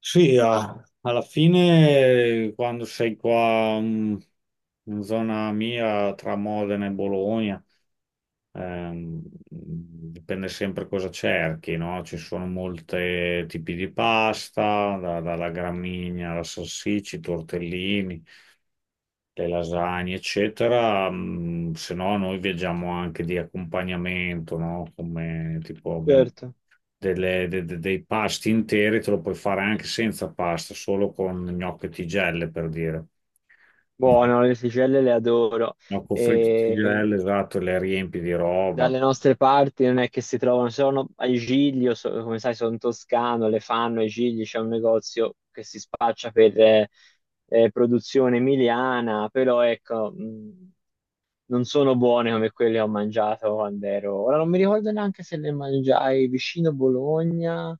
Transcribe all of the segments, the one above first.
Sì, alla fine quando sei qua, in zona mia tra Modena e Bologna, ehm, dipende sempre cosa cerchi, no? Ci sono molti tipi di pasta, dalla gramigna alla salsiccia, i tortellini, le lasagne, eccetera. Se no, noi viaggiamo anche di accompagnamento, no? Come tipo abbiamo Certo, dei pasti interi, te lo puoi fare anche senza pasta, solo con gnocchi e tigelle, per dire. Ma buono, le sticelle le adoro. gnocco fritto e E tigelle, esatto, le riempi di roba. dalle nostre parti non è che si trovano, sono a Giglio, come sai sono toscano, le fanno a Giglio, c'è un negozio che si spaccia per produzione emiliana, però ecco, non sono buone come quelle che ho mangiato quando ero. Ora non mi ricordo neanche se le mangiai vicino Bologna.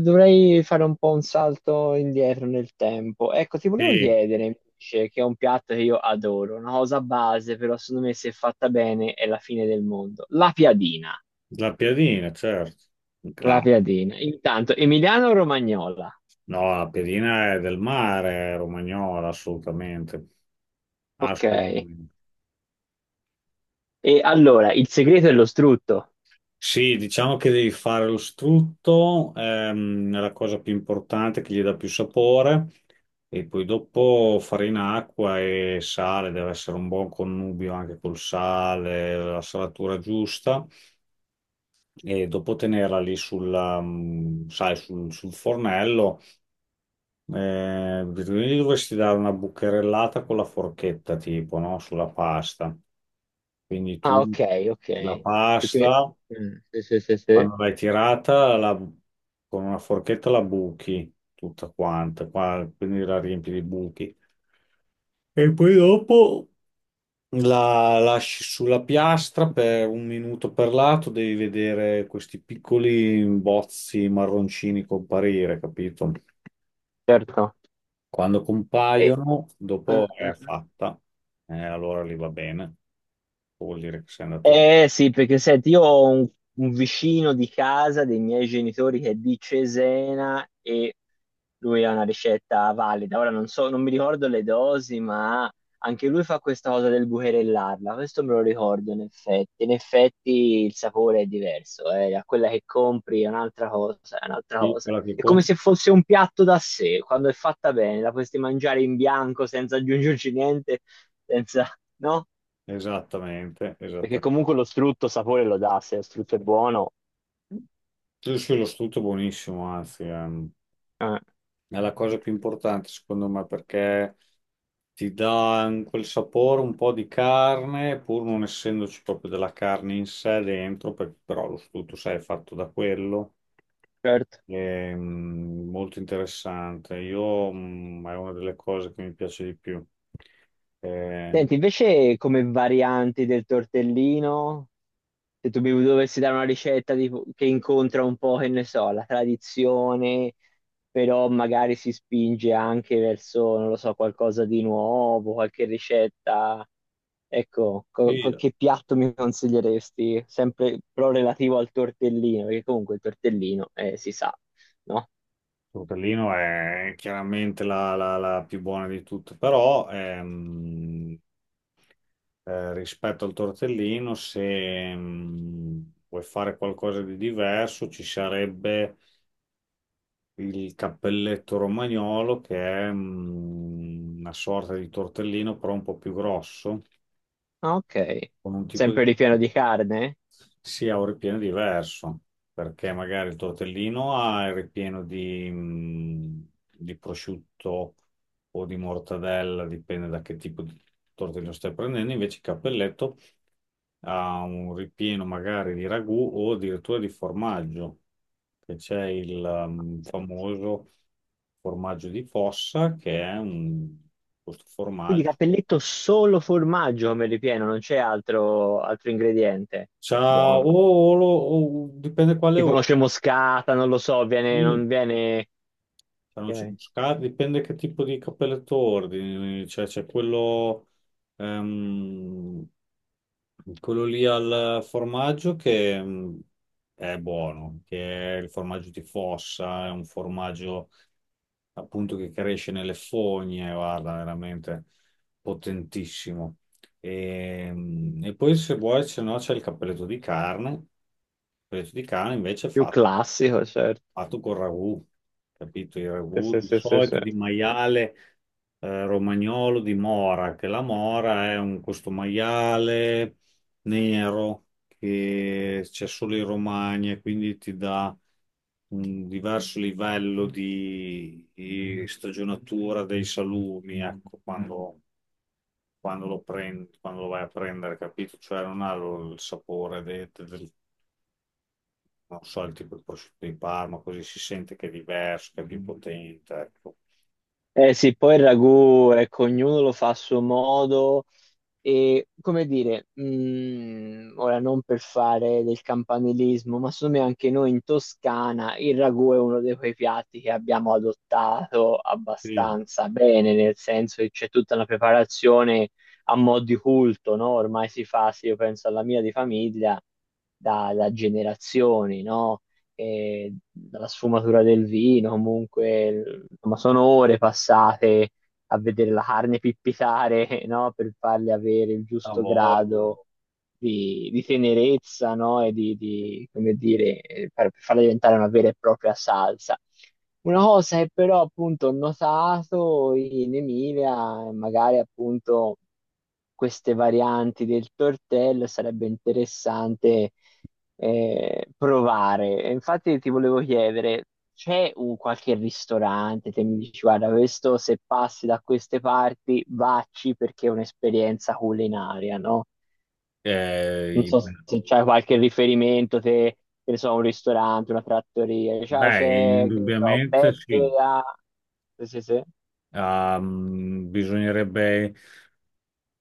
Dovrei fare un po' un salto indietro nel tempo. Ecco, ti volevo Sì, chiedere invece, che è un piatto che io adoro, una cosa base, però secondo me se fatta bene è la fine del mondo. La piadina. la piadina, certo. La La- piadina. Intanto, Emiliano o Romagnola. no, la piadina è del mare, è romagnola, assolutamente. Ok. Assolutamente. E allora, il segreto è lo strutto. Sì, diciamo che devi fare lo strutto, è la cosa più importante che gli dà più sapore, e poi dopo farina, acqua e sale, deve essere un buon connubio anche col sale, la salatura giusta, e dopo tenerla lì sulla, sai, sul fornello, gli dovresti dare una bucherellata con la forchetta, tipo, no? Sulla pasta. Quindi Ah, tu ok, la ok. Perché... pasta sì, sì, sì, sì. quando l'hai tirata con una forchetta la buchi tutta quanta, quindi la riempi di buchi. E poi dopo la lasci sulla piastra per un minuto per lato, devi vedere questi piccoli bozzi marroncini comparire, capito? Certo. Quando E... compaiono, dopo Ah, è ah, ah. fatta. Allora lì va bene, vuol dire che sei andato bene. Eh sì, perché senti, un vicino di casa dei miei genitori che è di Cesena e lui ha una ricetta valida. Ora non so, non mi ricordo le dosi, ma anche lui fa questa cosa del bucherellarla. Questo me lo ricordo in effetti. In effetti il sapore è diverso, eh. A quella che compri è un'altra cosa, è un'altra cosa. Piccola che È come conti. se fosse un piatto da sé, quando è fatta bene, la potresti mangiare in bianco senza aggiungerci niente, senza, no? Esattamente, Perché esattamente. comunque lo strutto sapore lo dà, se lo strutto è buono. Sì, sì, lo strutto è buonissimo, anzi, Eh. è la cosa più importante secondo me, perché ti dà quel sapore un po' di carne, pur non essendoci proprio della carne in sé dentro, però lo strutto, sai, è fatto da quello, Certo. è, molto interessante. Io, è una delle cose che mi piace di più. Eh, Senti, invece come varianti del tortellino, se tu mi dovessi dare che incontra un po', che ne so, la tradizione, però magari si spinge anche verso, non lo so, qualcosa di nuovo, qualche ricetta, ecco, sì, il che piatto mi consiglieresti? Sempre però relativo al tortellino, perché comunque il tortellino, si sa, no? tortellino è chiaramente la più buona di tutte, però... rispetto al tortellino, se vuoi fare qualcosa di diverso, ci sarebbe il cappelletto romagnolo, che è, una sorta di tortellino, però un po' più grosso, Ah, ok. con un tipo di... Sempre ripieno di carne? Sì, ha un ripieno diverso, perché magari il tortellino ha il ripieno di prosciutto o di mortadella, dipende da che tipo di tortellino stai prendendo, invece il cappelletto ha un ripieno magari di ragù o addirittura di formaggio, che c'è il Ah, senti. famoso formaggio di fossa, che è un, questo Quindi formaggio. cappelletto solo formaggio come ripieno, non c'è altro, altro ingrediente. C'ha Buono. o, dipende quale Tipo oro. noce moscata, non lo so, viene, non viene... Sanno ok. ciucciare, dipende che tipo di cappelletto ordini, cioè c'è quello, ehm, quello lì al formaggio che è buono, che è il formaggio di fossa, è un formaggio appunto che cresce nelle fogne, guarda, veramente potentissimo. E poi se vuoi, se no c'è il cappelletto di carne, il cappelletto di carne invece Più fatto classico, certo. fatto col ragù, capito? Il Sì, ragù sì, di sì, sì, sì. solito di maiale, romagnolo di mora, che la mora è un, questo maiale nero che c'è solo in Romagna, e quindi ti dà un diverso livello di stagionatura dei salumi, ecco, quando, quando lo prendi, quando lo vai a prendere, capito? Cioè non ha il sapore del, non so, il tipo di prosciutto di Parma, così si sente che è diverso, che è più potente, ecco. Eh sì, poi il ragù, ecco, ognuno lo fa a suo modo. E come dire, ora non per fare del campanilismo, ma secondo me anche noi in Toscana il ragù è uno di quei piatti che abbiamo adottato Sì, abbastanza bene, nel senso che c'è tutta una preparazione a mo' di culto, no? Ormai si fa, se io penso alla mia di famiglia, da generazioni, no? E dalla sfumatura del vino, comunque, insomma, sono ore passate a vedere la carne pippitare, no? Per farle avere il a giusto voglia. grado di tenerezza, no? E di, come dire, per farla diventare una vera e propria salsa. Una cosa che però appunto ho notato in Emilia, magari appunto queste varianti del tortello, sarebbe interessante provare. E infatti ti volevo chiedere, c'è un qualche ristorante che mi dici, guarda, questo se passi da queste parti, vacci perché è un'esperienza culinaria, no? Non Eh, i- so se c'è qualche riferimento, te, che ne so, un ristorante, una trattoria, cioè, beh, c'è, che ne so, indubbiamente sì. Beppe da... Sì, sì, sì. Bisognerebbe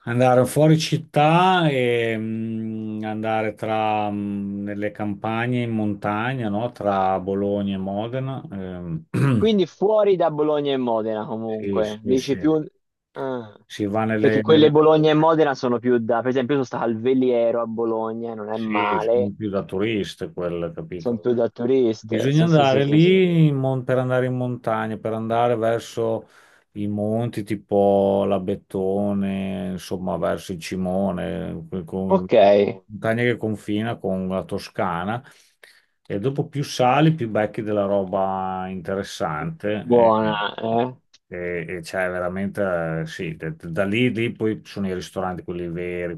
andare fuori città e, andare tra, nelle campagne in montagna, no? Tra Bologna e Modena. Quindi fuori da Bologna e Modena sì, comunque, sì, dici sì. più... ah, Si va perché nelle, nelle... quelle Bologna e Modena sono più da... Per esempio io sono stato al Veliero a Bologna, e non è Sì, male, sono più da turiste quelle, sono capito? più da turiste. Bisogna Sì, sì, sì, andare sì, sì. lì in per andare in montagna, per andare verso i monti tipo la Bettone, insomma verso il Cimone, Ok, montagna che confina con la Toscana. E dopo più sali, più becchi della roba interessante. buona, eh? E c'è veramente, sì, da lì, lì poi ci sono i ristoranti, quelli veri,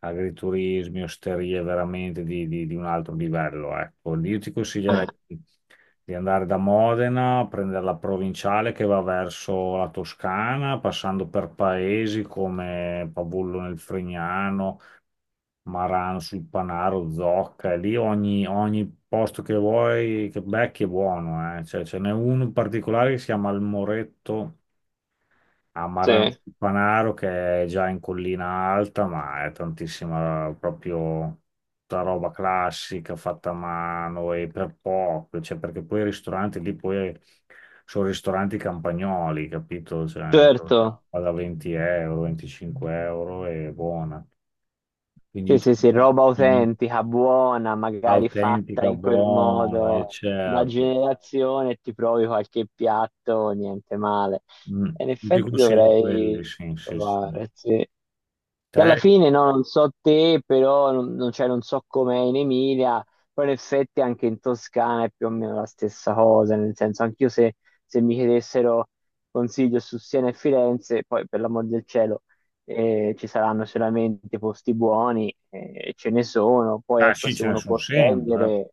agriturismi, osterie veramente di, di un altro livello. Ecco. Io ti Ah, consiglierei di andare da Modena, prendere la provinciale che va verso la Toscana, passando per paesi come Pavullo nel Fregnano, Marano sul Panaro, Zocca, e lì ogni, ogni posto che vuoi, che becchi è buono. Eh. Cioè, ce n'è uno in particolare che si chiama il Moretto a sì, Marano sul Panaro, che è già in collina alta, ma è tantissima proprio tutta roba classica fatta a mano e per poco, cioè perché poi i ristoranti lì poi sono ristoranti campagnoli, capito? Cioè, certo. va da 20 euro, 25 euro e buona. Quindi io Sì, ti sì, sì, roba consiglio autentica, buona, magari fatta autentica, in quel buona, e modo da certo. generazione, e ti provi qualche piatto, niente male. Mm. E in Io ti effetti consiglio quelli, dovrei sì, sì, sì. provare, sì. Che alla Te? fine, no, non so te, però cioè, non so com'è in Emilia, però in effetti anche in Toscana è più o meno la stessa cosa, nel senso, anch'io se mi chiedessero consiglio su Siena e Firenze, poi per l'amor del cielo ci saranno solamente posti buoni, ce ne sono, poi Ah, ecco sì, se ce ne uno sono può sempre, spendere,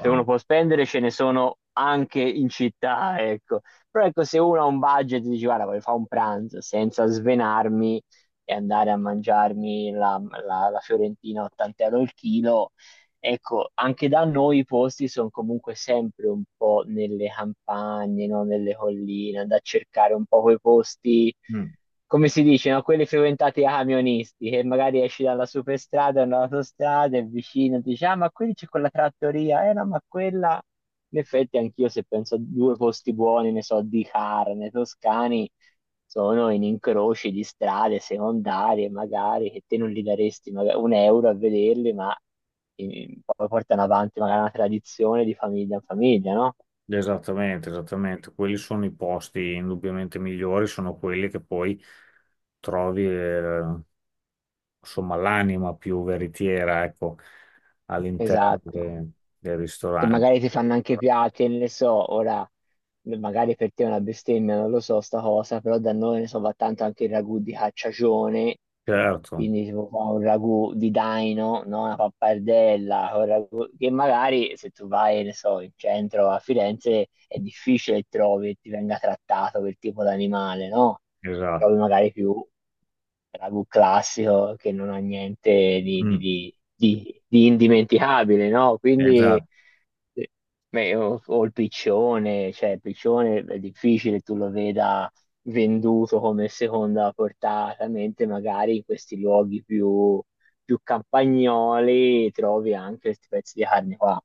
se uno può spendere ce ne sono anche in città, ecco. Però ecco se uno ha un budget e dice guarda voglio fare un pranzo senza svenarmi e andare a mangiarmi la fiorentina a 80 euro il chilo. Ecco, anche da noi i posti sono comunque sempre un po' nelle campagne, no? Nelle colline, da cercare un po' quei posti, Mm, come si dice, no? Quelli frequentati da camionisti, che magari esci dalla superstrada, dall'autostrada, è vicino, dici, ah, ma qui c'è quella trattoria, eh no, ma quella... In effetti anch'io se penso a due posti buoni, ne so, di carne, toscani, sono in incroci di strade secondarie, magari, che te non li daresti magari un euro a vederli, ma... E poi portano avanti magari una tradizione di famiglia in famiglia, no? esattamente, esattamente. Quelli sono i posti indubbiamente migliori, sono quelli che poi trovi, insomma, l'anima più veritiera, ecco, all'interno Esatto. Del Che ristorante. magari ti fanno anche piatti, ne so, ora magari per te è una bestemmia, non lo so sta cosa, però da noi ne so, va tanto anche il ragù di cacciagione, Certo, quindi tipo fa un ragù di daino, no? Una pappardella, che magari se tu vai, ne so, in centro a Firenze è difficile che trovi e ti venga trattato quel tipo d'animale, no? esatto. Trovi magari più ragù classico che non ha niente Mm, di indimenticabile, no? Quindi esatto. sì. Beh, o il piccione, cioè il piccione è difficile tu lo veda venduto come seconda portata, mentre magari in questi luoghi più, più campagnoli trovi anche questi pezzi di carne qua.